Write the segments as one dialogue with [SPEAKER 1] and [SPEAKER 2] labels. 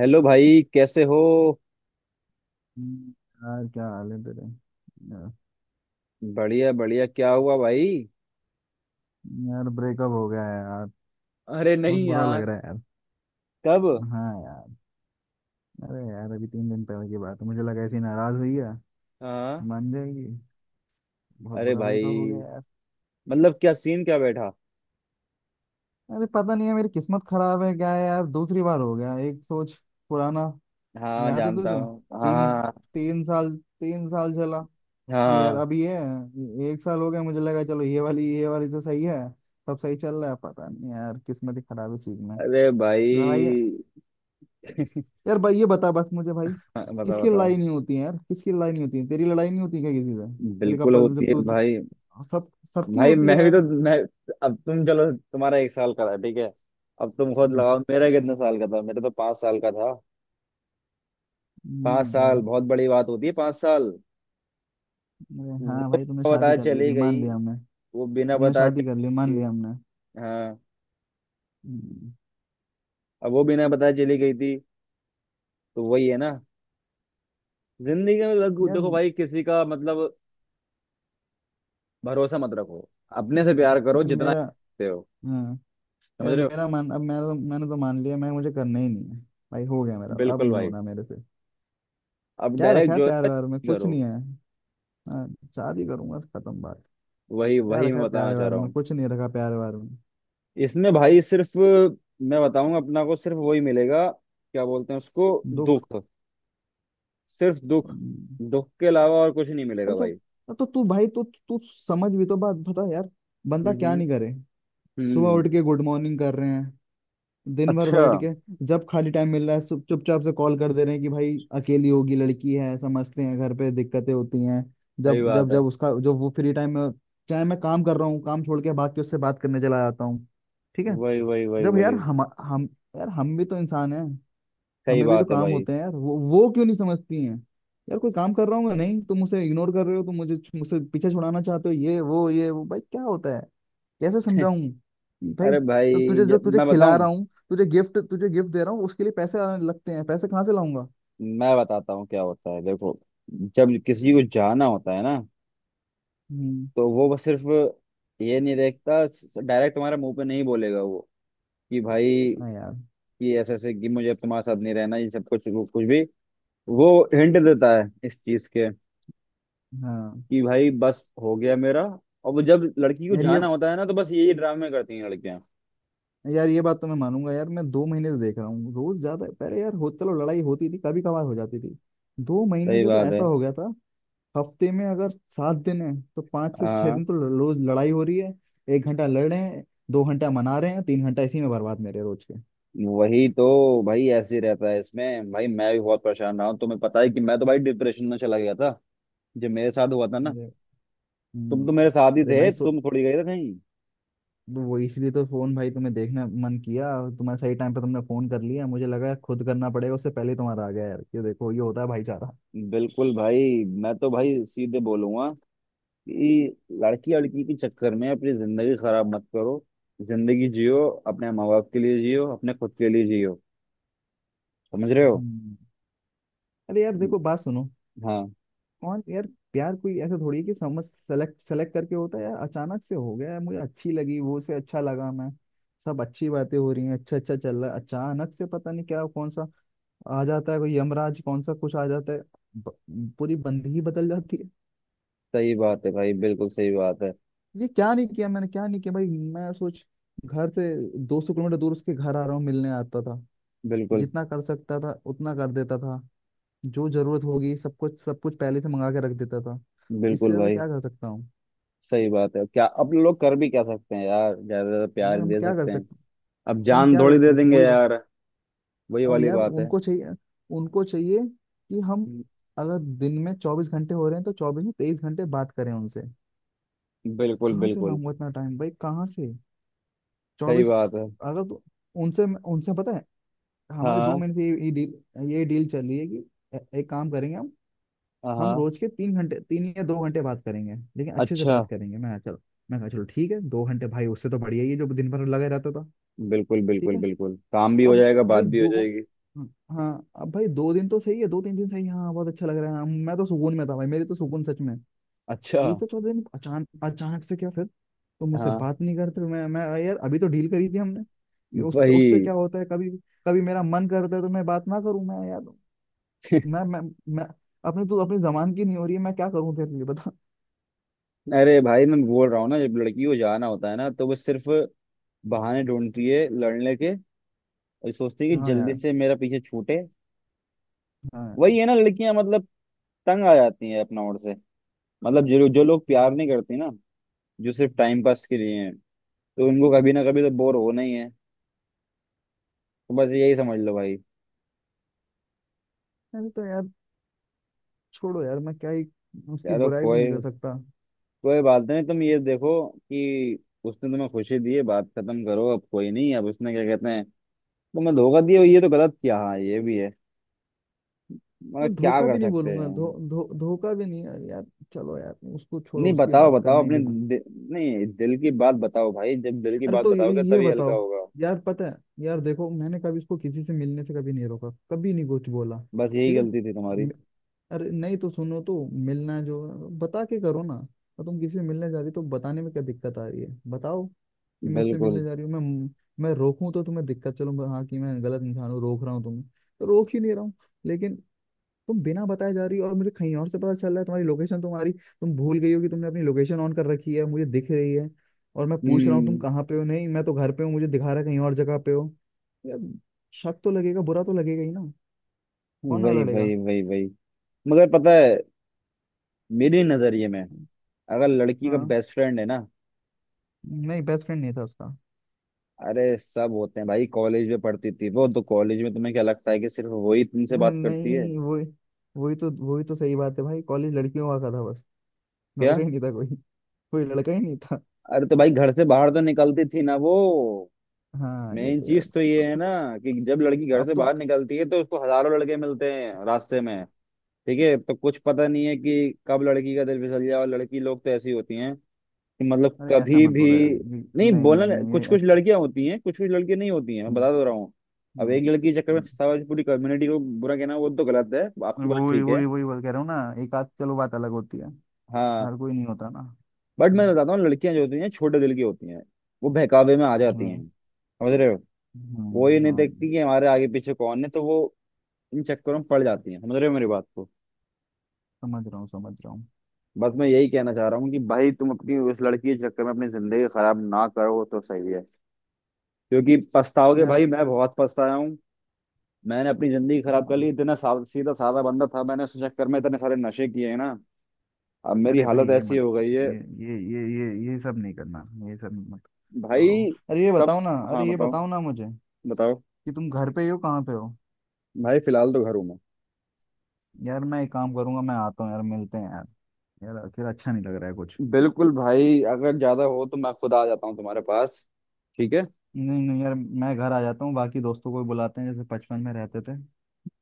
[SPEAKER 1] Hello भाई, कैसे हो?
[SPEAKER 2] हम्म। यार क्या हाल है तेरे यार,
[SPEAKER 1] बढ़िया बढ़िया, क्या हुआ भाई?
[SPEAKER 2] यार ब्रेकअप हो गया है।
[SPEAKER 1] अरे
[SPEAKER 2] बहुत
[SPEAKER 1] नहीं
[SPEAKER 2] बुरा लग
[SPEAKER 1] यार।
[SPEAKER 2] रहा है।
[SPEAKER 1] कब?
[SPEAKER 2] हाँ यार। अरे यार अभी तीन दिन पहले की बात है, मुझे लगा ऐसी नाराज हुई है
[SPEAKER 1] हाँ।
[SPEAKER 2] मान जाएगी। बहुत
[SPEAKER 1] अरे
[SPEAKER 2] बुरा ब्रेकअप हो
[SPEAKER 1] भाई।
[SPEAKER 2] गया है।
[SPEAKER 1] मतलब क्या सीन क्या बैठा?
[SPEAKER 2] अरे पता नहीं है, मेरी किस्मत खराब है क्या है यार, दूसरी बार हो गया। एक सोच पुराना,
[SPEAKER 1] हाँ,
[SPEAKER 2] याद है
[SPEAKER 1] जानता
[SPEAKER 2] तुझे?
[SPEAKER 1] हूँ,
[SPEAKER 2] तीन,
[SPEAKER 1] हाँ।
[SPEAKER 2] तीन साल तीन साल चला। नहीं यार
[SPEAKER 1] हाँ।
[SPEAKER 2] अभी एक साल हो गया, मुझे लगा चलो ये वाली, ये वाली तो सही है, सब सही चल रहा है, पता नहीं यार किस्मत ही खराब है इस चीज में।
[SPEAKER 1] अरे
[SPEAKER 2] लड़ाई।
[SPEAKER 1] भाई।
[SPEAKER 2] यार भाई ये बता बस मुझे भाई,
[SPEAKER 1] हाँ, बताओ
[SPEAKER 2] किसकी
[SPEAKER 1] बताओ।
[SPEAKER 2] लड़ाई नहीं होती है यार, किसकी लड़ाई नहीं होती है, तेरी लड़ाई नहीं होती क्या किसी से? तेरे
[SPEAKER 1] बिल्कुल
[SPEAKER 2] कपल
[SPEAKER 1] होती
[SPEAKER 2] जब
[SPEAKER 1] है
[SPEAKER 2] तू,
[SPEAKER 1] भाई।
[SPEAKER 2] सब सबकी
[SPEAKER 1] भाई,
[SPEAKER 2] होती
[SPEAKER 1] मैं
[SPEAKER 2] है
[SPEAKER 1] भी
[SPEAKER 2] यार।
[SPEAKER 1] तो मैं— अब तुम चलो, तुम्हारा एक साल का था, ठीक है। अब तुम खुद
[SPEAKER 2] हम्म।
[SPEAKER 1] लगाओ, मेरा कितने साल का था? मेरा तो 5 साल का था। पाँच
[SPEAKER 2] यार।
[SPEAKER 1] साल बहुत बड़ी बात होती है, 5 साल।
[SPEAKER 2] अरे हाँ भाई तुमने
[SPEAKER 1] वो
[SPEAKER 2] शादी
[SPEAKER 1] बताया
[SPEAKER 2] कर ली
[SPEAKER 1] चली
[SPEAKER 2] थी मान
[SPEAKER 1] गई।
[SPEAKER 2] लिया हमने।
[SPEAKER 1] वो बिना
[SPEAKER 2] तुमने
[SPEAKER 1] बताया
[SPEAKER 2] शादी कर ली
[SPEAKER 1] चली
[SPEAKER 2] मान लिया
[SPEAKER 1] गई।
[SPEAKER 2] हमने।
[SPEAKER 1] हाँ।
[SPEAKER 2] हम्म,
[SPEAKER 1] अब वो बिना बताए चली गई थी। तो वही है ना? जिंदगी में
[SPEAKER 2] यार।
[SPEAKER 1] देखो भाई, किसी का मतलब भरोसा मत रखो। अपने से प्यार करो,
[SPEAKER 2] यार
[SPEAKER 1] जितना
[SPEAKER 2] मेरा,
[SPEAKER 1] करते हो।
[SPEAKER 2] हाँ,
[SPEAKER 1] समझ
[SPEAKER 2] यार
[SPEAKER 1] रहे हो?
[SPEAKER 2] मेरा मान अब मेरा, मैंने तो मान लिया, मैं मुझे करना ही नहीं है भाई। हो गया मेरा, अब
[SPEAKER 1] बिल्कुल
[SPEAKER 2] नहीं
[SPEAKER 1] भाई।
[SPEAKER 2] होना मेरे से।
[SPEAKER 1] अब
[SPEAKER 2] क्या रखा
[SPEAKER 1] डायरेक्ट
[SPEAKER 2] है
[SPEAKER 1] जो
[SPEAKER 2] प्यार
[SPEAKER 1] है
[SPEAKER 2] व्यार में, कुछ
[SPEAKER 1] करो।
[SPEAKER 2] नहीं है। हाँ। शादी करूंगा, खत्म बात।
[SPEAKER 1] वही
[SPEAKER 2] क्या
[SPEAKER 1] वही
[SPEAKER 2] रखा
[SPEAKER 1] मैं
[SPEAKER 2] है प्यार
[SPEAKER 1] बताना चाह
[SPEAKER 2] व्यार
[SPEAKER 1] रहा
[SPEAKER 2] में,
[SPEAKER 1] हूँ।
[SPEAKER 2] कुछ नहीं रखा प्यार व्यार में।
[SPEAKER 1] इसमें भाई, सिर्फ मैं बताऊंगा, अपना को सिर्फ वही मिलेगा। क्या बोलते हैं उसको?
[SPEAKER 2] दुख।
[SPEAKER 1] दुख। सिर्फ दुख।
[SPEAKER 2] हम्म।
[SPEAKER 1] दुख के अलावा और कुछ नहीं मिलेगा
[SPEAKER 2] अरे तो
[SPEAKER 1] भाई।
[SPEAKER 2] तो तू भाई तू तू समझ भी तो बात बता यार, बंदा
[SPEAKER 1] हम्म।
[SPEAKER 2] क्या नहीं करे। सुबह
[SPEAKER 1] हम्म।
[SPEAKER 2] उठ के गुड मॉर्निंग कर रहे हैं, दिन भर
[SPEAKER 1] अच्छा।
[SPEAKER 2] बैठ के जब खाली टाइम मिल रहा है चुपचाप से कॉल कर दे रहे हैं कि भाई अकेली होगी, लड़की है, समझते हैं घर पे दिक्कतें होती हैं।
[SPEAKER 1] सही
[SPEAKER 2] जब जब
[SPEAKER 1] बात है।
[SPEAKER 2] जब उसका जो वो फ्री टाइम में, चाहे मैं काम कर रहा हूँ, काम छोड़ के भाग के उससे बात करने चला जाता हूँ। ठीक है।
[SPEAKER 1] वही वही वही
[SPEAKER 2] जब
[SPEAKER 1] वही।
[SPEAKER 2] यार, हम यार, हम भी तो इंसान हैं,
[SPEAKER 1] सही
[SPEAKER 2] हमें भी तो
[SPEAKER 1] बात है
[SPEAKER 2] काम
[SPEAKER 1] भाई
[SPEAKER 2] होते हैं यार, वो क्यों नहीं समझती हैं। यार कोई काम कर रहा हूँ मैं, नहीं तुम मुझे इग्नोर कर रहे हो, तुम मुझे मुझसे पीछे छुड़ाना चाहते हो, ये वो ये वो, भाई क्या होता है, कैसे समझाऊं कि भाई
[SPEAKER 1] अरे
[SPEAKER 2] तो
[SPEAKER 1] भाई,
[SPEAKER 2] तुझे, जो
[SPEAKER 1] जब
[SPEAKER 2] तुझे
[SPEAKER 1] मैं
[SPEAKER 2] खिला
[SPEAKER 1] बताऊं—
[SPEAKER 2] रहा हूँ, तुझे गिफ्ट, तुझे गिफ्ट दे रहा हूँ, उसके लिए पैसे आने लगते हैं, पैसे कहाँ से लाऊंगा।
[SPEAKER 1] मैं बताता हूँ क्या होता है, देखो। जब किसी को जाना होता है ना,
[SPEAKER 2] हम्म।
[SPEAKER 1] तो वो बस सिर्फ ये नहीं देखता। डायरेक्ट तुम्हारे मुंह पे नहीं बोलेगा वो, कि भाई,
[SPEAKER 2] हाँ यार।
[SPEAKER 1] कि ऐसे ऐसे, कि मुझे अब तुम्हारे साथ नहीं रहना, ये सब कुछ वो कुछ भी। वो हिंट देता है इस चीज के,
[SPEAKER 2] हाँ
[SPEAKER 1] कि भाई बस हो गया मेरा। और वो जब लड़की को
[SPEAKER 2] यार ये,
[SPEAKER 1] जाना होता है ना, तो बस यही ड्रामे करती हैं लड़कियां।
[SPEAKER 2] यार ये बात तो मैं मानूंगा यार, मैं दो महीने से देख रहा हूँ, रोज ज्यादा, पहले यार हो, चलो लड़ाई होती थी कभी कभार हो जाती थी, दो महीने
[SPEAKER 1] सही
[SPEAKER 2] से तो
[SPEAKER 1] बात है।
[SPEAKER 2] ऐसा हो गया था। हफ्ते में अगर सात दिन है तो पाँच से छह दिन
[SPEAKER 1] हाँ।
[SPEAKER 2] तो रोज लड़ाई हो रही है। एक घंटा लड़ रहे हैं, दो घंटा मना रहे हैं, तीन घंटा इसी में बर्बाद मेरे रोज के।
[SPEAKER 1] वही तो भाई, ऐसे ही रहता है इसमें। भाई मैं भी बहुत परेशान रहा हूँ, तुम्हें पता है कि मैं तो भाई डिप्रेशन में चला गया था जब मेरे साथ हुआ था ना।
[SPEAKER 2] अरे।
[SPEAKER 1] तुम
[SPEAKER 2] हम्म।
[SPEAKER 1] तो मेरे साथ ही
[SPEAKER 2] अरे
[SPEAKER 1] थे,
[SPEAKER 2] भाई सो,
[SPEAKER 1] तुम थोड़ी गए थे कहीं।
[SPEAKER 2] वो इसलिए तो फोन, भाई तुम्हें देखना मन किया, तुम्हारे सही टाइम पे तुमने फोन कर लिया, मुझे लगा खुद करना पड़ेगा, उससे पहले तुम्हारा आ गया, यार ये देखो ये होता है भाईचारा।
[SPEAKER 1] बिल्कुल भाई, मैं तो भाई सीधे बोलूंगा कि लड़की लड़की के चक्कर में अपनी जिंदगी खराब मत करो। जिंदगी जियो, अपने माँ बाप के लिए जियो, अपने खुद के लिए जियो। समझ रहे हो?
[SPEAKER 2] हम्म। अरे यार देखो बात सुनो,
[SPEAKER 1] हाँ।
[SPEAKER 2] और यार, प्यार कोई ऐसा थोड़ी है कि समझ सेलेक्ट सेलेक्ट करके होता है यार, अचानक से हो गया यार, मुझे अच्छी लगी वो, से अच्छा लगा मैं, सब अच्छी बातें हो रही हैं, अच्छा अच्छा चल रहा है, अचानक से पता नहीं क्या कौन सा आ जाता है, कोई यमराज कौन सा कुछ आ जाता है, ब, पूरी बंदगी ही बदल जाती है।
[SPEAKER 1] सही बात है भाई, बिल्कुल सही बात है।
[SPEAKER 2] ये क्या नहीं किया मैंने, क्या नहीं किया भाई, मैं सोच, घर से 200 किलोमीटर दूर उसके घर आ रहा हूँ, मिलने आता था,
[SPEAKER 1] बिल्कुल
[SPEAKER 2] जितना कर सकता था उतना कर देता था, जो जरूरत होगी सब कुछ पहले से मंगा के रख देता था, इससे
[SPEAKER 1] बिल्कुल
[SPEAKER 2] ज्यादा
[SPEAKER 1] भाई।
[SPEAKER 2] क्या कर सकता हूँ।
[SPEAKER 1] सही बात है, क्या अब लोग कर भी क्या सकते हैं यार, ज्यादा ज्यादा प्यार
[SPEAKER 2] यार हम
[SPEAKER 1] दे
[SPEAKER 2] क्या कर
[SPEAKER 1] सकते हैं।
[SPEAKER 2] सकते,
[SPEAKER 1] अब
[SPEAKER 2] हम
[SPEAKER 1] जान
[SPEAKER 2] क्या
[SPEAKER 1] थोड़ी
[SPEAKER 2] कर
[SPEAKER 1] दे
[SPEAKER 2] सकते हैं?
[SPEAKER 1] देंगे
[SPEAKER 2] वही बात।
[SPEAKER 1] यार। वही
[SPEAKER 2] अब
[SPEAKER 1] वाली
[SPEAKER 2] यार
[SPEAKER 1] बात है।
[SPEAKER 2] उनको चाहिए, उनको चाहिए कि हम, अगर दिन में चौबीस घंटे हो रहे हैं तो चौबीस में तेईस घंटे बात करें उनसे,
[SPEAKER 1] बिल्कुल
[SPEAKER 2] कहाँ से
[SPEAKER 1] बिल्कुल।
[SPEAKER 2] लाऊंगा इतना टाइम भाई, कहाँ से,
[SPEAKER 1] सही
[SPEAKER 2] चौबीस,
[SPEAKER 1] बात है।
[SPEAKER 2] अगर तो, उनसे, उनसे पता है, हमारी दो
[SPEAKER 1] हाँ
[SPEAKER 2] महीने से ये डील चल रही है कि एक काम करेंगे हम
[SPEAKER 1] हाँ।
[SPEAKER 2] रोज के तीन घंटे, तीन या दो घंटे बात करेंगे लेकिन अच्छे से
[SPEAKER 1] अच्छा।
[SPEAKER 2] बात करेंगे, मैं कहा, चलो, मैं कहा चलो ठीक है, दो घंटे भाई उससे तो बढ़िया ही है जो दिन भर लगे रहता था।
[SPEAKER 1] बिल्कुल
[SPEAKER 2] ठीक
[SPEAKER 1] बिल्कुल
[SPEAKER 2] है।
[SPEAKER 1] बिल्कुल, काम भी हो
[SPEAKER 2] अब
[SPEAKER 1] जाएगा, बात
[SPEAKER 2] भाई
[SPEAKER 1] भी हो
[SPEAKER 2] दो,
[SPEAKER 1] जाएगी।
[SPEAKER 2] हाँ, अब भाई दो दिन तो सही है, दो तीन दिन सही है, हाँ बहुत अच्छा लग रहा है, हाँ, मैं तो सुकून में था भाई, मेरे तो सुकून सच में।
[SPEAKER 1] अच्छा।
[SPEAKER 2] तीसरे चौथे दिन अचानक अचानक से क्या फिर तो मुझसे
[SPEAKER 1] हाँ।
[SPEAKER 2] बात नहीं करते, मैं यार अभी तो डील करी थी हमने, ये उसका उससे
[SPEAKER 1] वही।
[SPEAKER 2] क्या होता है, कभी कभी मेरा मन करता है तो मैं बात ना करूं मैं यार, मैं मैं मैं अपने तो अपनी जबान की नहीं हो रही है मैं, क्या करूं तेरे लिए बता।
[SPEAKER 1] अरे भाई, मैं बोल रहा हूँ ना, जब लड़की को जाना होता है ना, तो वो सिर्फ बहाने ढूंढती है लड़ने के। और सोचती है कि
[SPEAKER 2] हाँ
[SPEAKER 1] जल्दी
[SPEAKER 2] यार,
[SPEAKER 1] से मेरा पीछे छूटे।
[SPEAKER 2] हाँ यार।
[SPEAKER 1] वही है ना, लड़कियां मतलब तंग आ जाती हैं अपना ओर से। मतलब जो जो लोग प्यार नहीं करते ना, जो सिर्फ टाइम पास के लिए हैं, तो उनको कभी ना कभी तो बोर होना ही है। तो बस यही समझ लो भाई।
[SPEAKER 2] अरे तो यार, छोड़ो यार, मैं क्या ही उसकी
[SPEAKER 1] चलो
[SPEAKER 2] बुराई भी नहीं
[SPEAKER 1] कोई
[SPEAKER 2] कर सकता।
[SPEAKER 1] कोई बात नहीं, तुम ये देखो कि उसने तुम्हें खुशी दी है। बात खत्म करो, अब कोई नहीं। अब उसने क्या कहते हैं, तुम्हें धोखा दिया, ये तो गलत किया, हाँ ये भी है। मगर
[SPEAKER 2] मैं
[SPEAKER 1] क्या
[SPEAKER 2] धोखा
[SPEAKER 1] कर
[SPEAKER 2] भी नहीं
[SPEAKER 1] सकते
[SPEAKER 2] बोलूंगा,
[SPEAKER 1] हैं?
[SPEAKER 2] धो धो धोखा भी नहीं यार, यार, चलो यार उसको छोड़ो,
[SPEAKER 1] नहीं,
[SPEAKER 2] उसकी
[SPEAKER 1] बताओ
[SPEAKER 2] बात
[SPEAKER 1] बताओ
[SPEAKER 2] करना ही
[SPEAKER 1] अपने
[SPEAKER 2] बेकार।
[SPEAKER 1] नहीं, दिल की बात बताओ भाई, जब दिल की
[SPEAKER 2] अरे
[SPEAKER 1] बात
[SPEAKER 2] तो ये
[SPEAKER 1] बताओगे
[SPEAKER 2] ये
[SPEAKER 1] तभी हल्का
[SPEAKER 2] बताओ,
[SPEAKER 1] होगा।
[SPEAKER 2] यार पता है, यार देखो मैंने कभी इसको किसी से मिलने से कभी नहीं रोका, कभी नहीं कुछ बोला।
[SPEAKER 1] बस यही
[SPEAKER 2] ठीक है।
[SPEAKER 1] गलती थी तुम्हारी।
[SPEAKER 2] म- अरे नहीं तो सुनो तो, मिलना जो है, बता के करो ना, और तुम किसी से मिलने जा रही हो, तो बताने में क्या दिक्कत आ रही है बताओ कि मैं इससे
[SPEAKER 1] बिल्कुल।
[SPEAKER 2] मिलने जा रही हूँ मैं रोकूं तो तुम्हें दिक्कत, चलो हाँ कि मैं गलत इंसान हूँ रोक रहा हूँ तुम्हें, तो रोक ही नहीं रहा हूँ, लेकिन तुम बिना बताए जा रही हो और मुझे कहीं और से पता चल रहा है तुम्हारी लोकेशन, तुम्हारी, तुम भूल गई हो कि तुमने अपनी लोकेशन ऑन कर रखी है मुझे दिख रही है, और मैं पूछ रहा हूँ तुम
[SPEAKER 1] हम्म।
[SPEAKER 2] कहाँ पे हो, नहीं मैं तो घर पे हूँ, मुझे दिखा रहा है कहीं और जगह पे हो। यार, शक तो लगेगा, बुरा तो लगेगा ही ना, कौन ना
[SPEAKER 1] वही
[SPEAKER 2] लड़ेगा।
[SPEAKER 1] वही वही वही। मगर पता है, मेरे नजरिए में, अगर लड़की का
[SPEAKER 2] हाँ।
[SPEAKER 1] बेस्ट फ्रेंड है ना—
[SPEAKER 2] नहीं बेस्ट फ्रेंड नहीं था उसका।
[SPEAKER 1] अरे सब होते हैं भाई। कॉलेज में पढ़ती थी वो, तो कॉलेज में तुम्हें क्या लगता है कि सिर्फ वही तुमसे बात करती है?
[SPEAKER 2] नहीं वही, वही तो सही बात है भाई, कॉलेज लड़कियों का था बस,
[SPEAKER 1] क्या?
[SPEAKER 2] लड़का ही नहीं था कोई, कोई लड़का ही नहीं था।
[SPEAKER 1] अरे तो भाई, घर से बाहर तो निकलती थी ना वो।
[SPEAKER 2] हाँ ये
[SPEAKER 1] मेन
[SPEAKER 2] तो यार,
[SPEAKER 1] चीज तो ये
[SPEAKER 2] अब
[SPEAKER 1] है
[SPEAKER 2] तो
[SPEAKER 1] ना, कि जब लड़की घर
[SPEAKER 2] अब
[SPEAKER 1] से
[SPEAKER 2] तो
[SPEAKER 1] बाहर निकलती है तो उसको हजारों लड़के मिलते हैं रास्ते में। ठीक है, तो कुछ पता नहीं है कि कब लड़की का दिल फिसल जाए। और लड़की लोग तो ऐसी होती हैं, कि मतलब
[SPEAKER 2] अरे ऐसा
[SPEAKER 1] कभी
[SPEAKER 2] मत
[SPEAKER 1] भी—
[SPEAKER 2] बोलो यार, ये-
[SPEAKER 1] नहीं,
[SPEAKER 2] नहीं नहीं
[SPEAKER 1] बोलना
[SPEAKER 2] नहीं ये
[SPEAKER 1] कुछ कुछ
[SPEAKER 2] ऐसा।
[SPEAKER 1] लड़कियां होती हैं कुछ कुछ लड़के, नहीं होती हैं, मैं
[SPEAKER 2] हम्म।
[SPEAKER 1] बता दो रहा हूँ। अब एक लड़की के चक्कर में
[SPEAKER 2] हम्म।
[SPEAKER 1] सारी पूरी कम्युनिटी को बुरा कहना, वो तो गलत है। आपकी बात
[SPEAKER 2] वही
[SPEAKER 1] ठीक है।
[SPEAKER 2] वही वही बात कह रहा हूँ ना, एक आध चलो बात अलग होती है,
[SPEAKER 1] हाँ।
[SPEAKER 2] हर कोई नहीं होता ना।
[SPEAKER 1] बट मैं
[SPEAKER 2] हम्म,
[SPEAKER 1] बताता हूँ, लड़कियां जो होती हैं छोटे दिल की होती हैं। वो बहकावे में आ जाती
[SPEAKER 2] हाँ।
[SPEAKER 1] हैं, समझ रहे हो? वो ये नहीं
[SPEAKER 2] हाँ।
[SPEAKER 1] देखती कि हमारे आगे पीछे कौन है, तो वो इन चक्करों में पड़ जाती हैं, समझ रहे हो मेरी बात को?
[SPEAKER 2] समझ रहा हूँ समझ रहा हूँ।
[SPEAKER 1] बस मैं यही कहना चाह रहा हूँ कि भाई, तुम अपनी उस लड़की के चक्कर में अपनी जिंदगी खराब ना करो तो सही है। क्योंकि पछताओगे
[SPEAKER 2] यार।
[SPEAKER 1] भाई, मैं बहुत पछताया हूँ। मैंने अपनी जिंदगी खराब कर
[SPEAKER 2] हम्म।
[SPEAKER 1] ली, इतना सा सीधा साधा बंदा था, मैंने उस चक्कर में इतने सारे नशे किए हैं ना, अब मेरी
[SPEAKER 2] अरे भाई
[SPEAKER 1] हालत
[SPEAKER 2] ये
[SPEAKER 1] ऐसी
[SPEAKER 2] मत,
[SPEAKER 1] हो गई है।
[SPEAKER 2] ये ये सब नहीं करना, ये सब मत, छोड़ो।
[SPEAKER 1] भाई।
[SPEAKER 2] अरे ये
[SPEAKER 1] तब।
[SPEAKER 2] बताओ ना,
[SPEAKER 1] हाँ
[SPEAKER 2] अरे ये
[SPEAKER 1] बताओ
[SPEAKER 2] बताओ ना मुझे
[SPEAKER 1] बताओ।
[SPEAKER 2] कि तुम घर पे ही हो कहाँ पे हो,
[SPEAKER 1] भाई फिलहाल तो घर हूँ मैं।
[SPEAKER 2] यार मैं एक काम करूंगा मैं आता हूँ यार मिलते हैं यार, यार अकेला अच्छा नहीं लग रहा है कुछ।
[SPEAKER 1] बिल्कुल भाई, अगर ज्यादा हो तो मैं खुद आ जाता हूँ तुम्हारे पास, ठीक है।
[SPEAKER 2] नहीं नहीं यार, मैं घर आ जाता हूँ, बाकी दोस्तों को भी बुलाते हैं जैसे बचपन में रहते थे,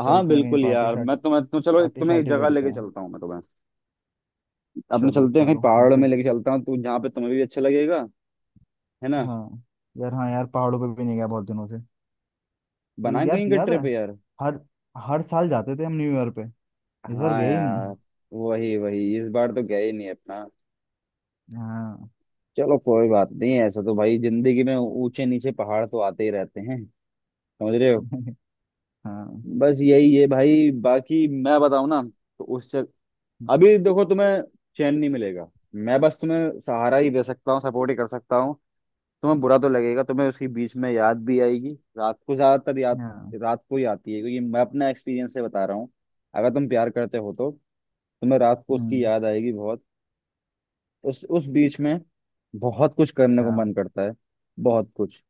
[SPEAKER 1] हाँ
[SPEAKER 2] चलते हैं कहीं
[SPEAKER 1] बिल्कुल
[SPEAKER 2] पार्टी
[SPEAKER 1] यार,
[SPEAKER 2] शार्टी,
[SPEAKER 1] मैं तुम्हें तो चलो,
[SPEAKER 2] पार्टी
[SPEAKER 1] तुम्हें एक
[SPEAKER 2] शार्टी
[SPEAKER 1] जगह
[SPEAKER 2] करते
[SPEAKER 1] लेके
[SPEAKER 2] हैं।
[SPEAKER 1] चलता हूँ। मैं तुम्हें अपने
[SPEAKER 2] चलो
[SPEAKER 1] चलते हैं कहीं
[SPEAKER 2] चलो
[SPEAKER 1] पहाड़
[SPEAKER 2] ऐसे
[SPEAKER 1] में लेके चलता हूँ, तो जहाँ पे तुम्हें भी अच्छा लगेगा। है ना?
[SPEAKER 2] हाँ यार, हाँ यार पहाड़ों पे भी नहीं गया बहुत दिनों से, ये
[SPEAKER 1] बनाए
[SPEAKER 2] यार
[SPEAKER 1] कहीं का
[SPEAKER 2] याद है,
[SPEAKER 1] ट्रिप यार।
[SPEAKER 2] हर हर साल जाते थे हम न्यू ईयर पे, इस बार
[SPEAKER 1] हाँ
[SPEAKER 2] गए ही नहीं।
[SPEAKER 1] यार। वही वही, इस बार तो गए ही नहीं अपना।
[SPEAKER 2] हाँ।
[SPEAKER 1] चलो कोई बात नहीं, ऐसा तो भाई जिंदगी में ऊंचे नीचे पहाड़ तो आते ही रहते हैं। समझ रहे हो?
[SPEAKER 2] हाँ।
[SPEAKER 1] बस यही है भाई। बाकी मैं बताऊं ना तो उस अभी देखो, तुम्हें चैन नहीं मिलेगा। मैं बस तुम्हें सहारा ही दे सकता हूँ, सपोर्ट ही कर सकता हूँ। तुम्हें बुरा तो लगेगा, तुम्हें उसकी बीच में याद भी आएगी, रात को ज्यादातर याद
[SPEAKER 2] हाँ।
[SPEAKER 1] रात को ही आती है, क्योंकि मैं अपना एक्सपीरियंस से बता रहा हूँ। अगर तुम प्यार करते हो, तो तुम्हें रात को उसकी
[SPEAKER 2] हम्म,
[SPEAKER 1] याद आएगी बहुत। उस बीच में बहुत कुछ करने को
[SPEAKER 2] हाँ।
[SPEAKER 1] मन करता है, बहुत कुछ।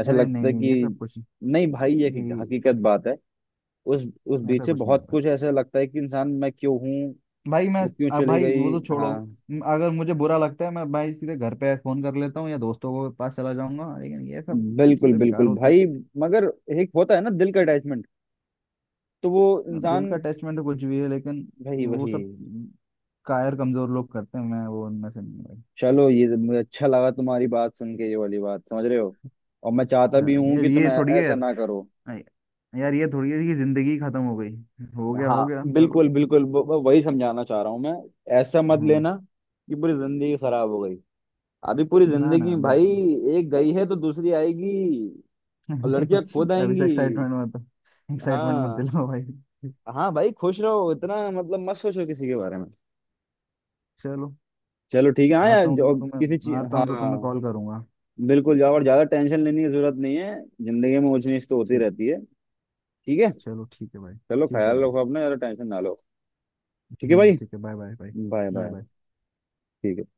[SPEAKER 1] ऐसा
[SPEAKER 2] अरे नहीं
[SPEAKER 1] लगता है
[SPEAKER 2] नहीं ये सब
[SPEAKER 1] कि—
[SPEAKER 2] कुछ,
[SPEAKER 1] नहीं भाई, ये
[SPEAKER 2] ये
[SPEAKER 1] हकीकत बात है। उस
[SPEAKER 2] ऐसा
[SPEAKER 1] बीच से
[SPEAKER 2] कुछ नहीं
[SPEAKER 1] बहुत
[SPEAKER 2] होता
[SPEAKER 1] कुछ, ऐसा लगता है कि इंसान मैं क्यों हूँ,
[SPEAKER 2] भाई, मैं,
[SPEAKER 1] वो क्यों
[SPEAKER 2] अब
[SPEAKER 1] चली
[SPEAKER 2] भाई वो
[SPEAKER 1] गई?
[SPEAKER 2] तो छोड़ो,
[SPEAKER 1] हाँ।
[SPEAKER 2] अगर मुझे बुरा लगता है मैं भाई सीधे घर पे फोन कर लेता हूँ या दोस्तों के पास चला जाऊंगा, लेकिन ये सब
[SPEAKER 1] बिल्कुल
[SPEAKER 2] चीजें बेकार
[SPEAKER 1] बिल्कुल
[SPEAKER 2] होती
[SPEAKER 1] भाई। मगर एक होता है ना दिल का अटैचमेंट, तो वो
[SPEAKER 2] हैं। दिल
[SPEAKER 1] इंसान—
[SPEAKER 2] का अटैचमेंट कुछ भी है लेकिन
[SPEAKER 1] भाई
[SPEAKER 2] वो
[SPEAKER 1] वही।
[SPEAKER 2] सब कायर कमजोर लोग करते हैं, मैं वो उनमें से नहीं भाई।
[SPEAKER 1] चलो ये तो मुझे अच्छा लगा तुम्हारी बात सुन के, ये वाली बात। समझ रहे हो? और मैं चाहता
[SPEAKER 2] हाँ
[SPEAKER 1] भी हूँ
[SPEAKER 2] यार
[SPEAKER 1] कि तुम
[SPEAKER 2] ये थोड़ी है
[SPEAKER 1] ऐसा
[SPEAKER 2] यार,
[SPEAKER 1] ना करो।
[SPEAKER 2] हाँ, यार ये थोड़ी है कि जिंदगी खत्म हो गई, हो
[SPEAKER 1] हाँ
[SPEAKER 2] गया चलो।
[SPEAKER 1] बिल्कुल बिल्कुल, वही समझाना चाह रहा हूँ मैं। ऐसा मत
[SPEAKER 2] हाँ,
[SPEAKER 1] लेना कि पूरी जिंदगी खराब हो गई। अभी पूरी
[SPEAKER 2] ना ना
[SPEAKER 1] जिंदगी में भाई,
[SPEAKER 2] बिल्कुल
[SPEAKER 1] एक गई है तो दूसरी आएगी, और
[SPEAKER 2] नहीं।
[SPEAKER 1] लड़कियां खुद
[SPEAKER 2] अभी से
[SPEAKER 1] आएंगी।
[SPEAKER 2] एक्साइटमेंट मत, एक्साइटमेंट मत
[SPEAKER 1] हाँ।
[SPEAKER 2] दिलाओ भाई।
[SPEAKER 1] हाँ भाई, खुश रहो, इतना मतलब मत सोचो किसी के बारे में।
[SPEAKER 2] चलो,
[SPEAKER 1] चलो ठीक है। हाँ यार,
[SPEAKER 2] आता हूँ तो
[SPEAKER 1] जो
[SPEAKER 2] मैं
[SPEAKER 1] किसी
[SPEAKER 2] तुम्हें,
[SPEAKER 1] चीज।
[SPEAKER 2] आता
[SPEAKER 1] हाँ।
[SPEAKER 2] हूँ तो तुम्हें कॉल करूंगा।
[SPEAKER 1] बिल्कुल जाओ, और ज्यादा टेंशन लेने की जरूरत नहीं है। जिंदगी में ऊंच नीच तो होती
[SPEAKER 2] ठीक।
[SPEAKER 1] रहती है, ठीक है।
[SPEAKER 2] चलो ठीक है भाई,
[SPEAKER 1] चलो,
[SPEAKER 2] ठीक है
[SPEAKER 1] ख्याल
[SPEAKER 2] भाई।
[SPEAKER 1] रखो अपना, ज्यादा टेंशन ना लो। ठीक है भाई।
[SPEAKER 2] ठीक है, bye bye bye,
[SPEAKER 1] bye
[SPEAKER 2] bye
[SPEAKER 1] bye.
[SPEAKER 2] Bye.
[SPEAKER 1] ठीक है।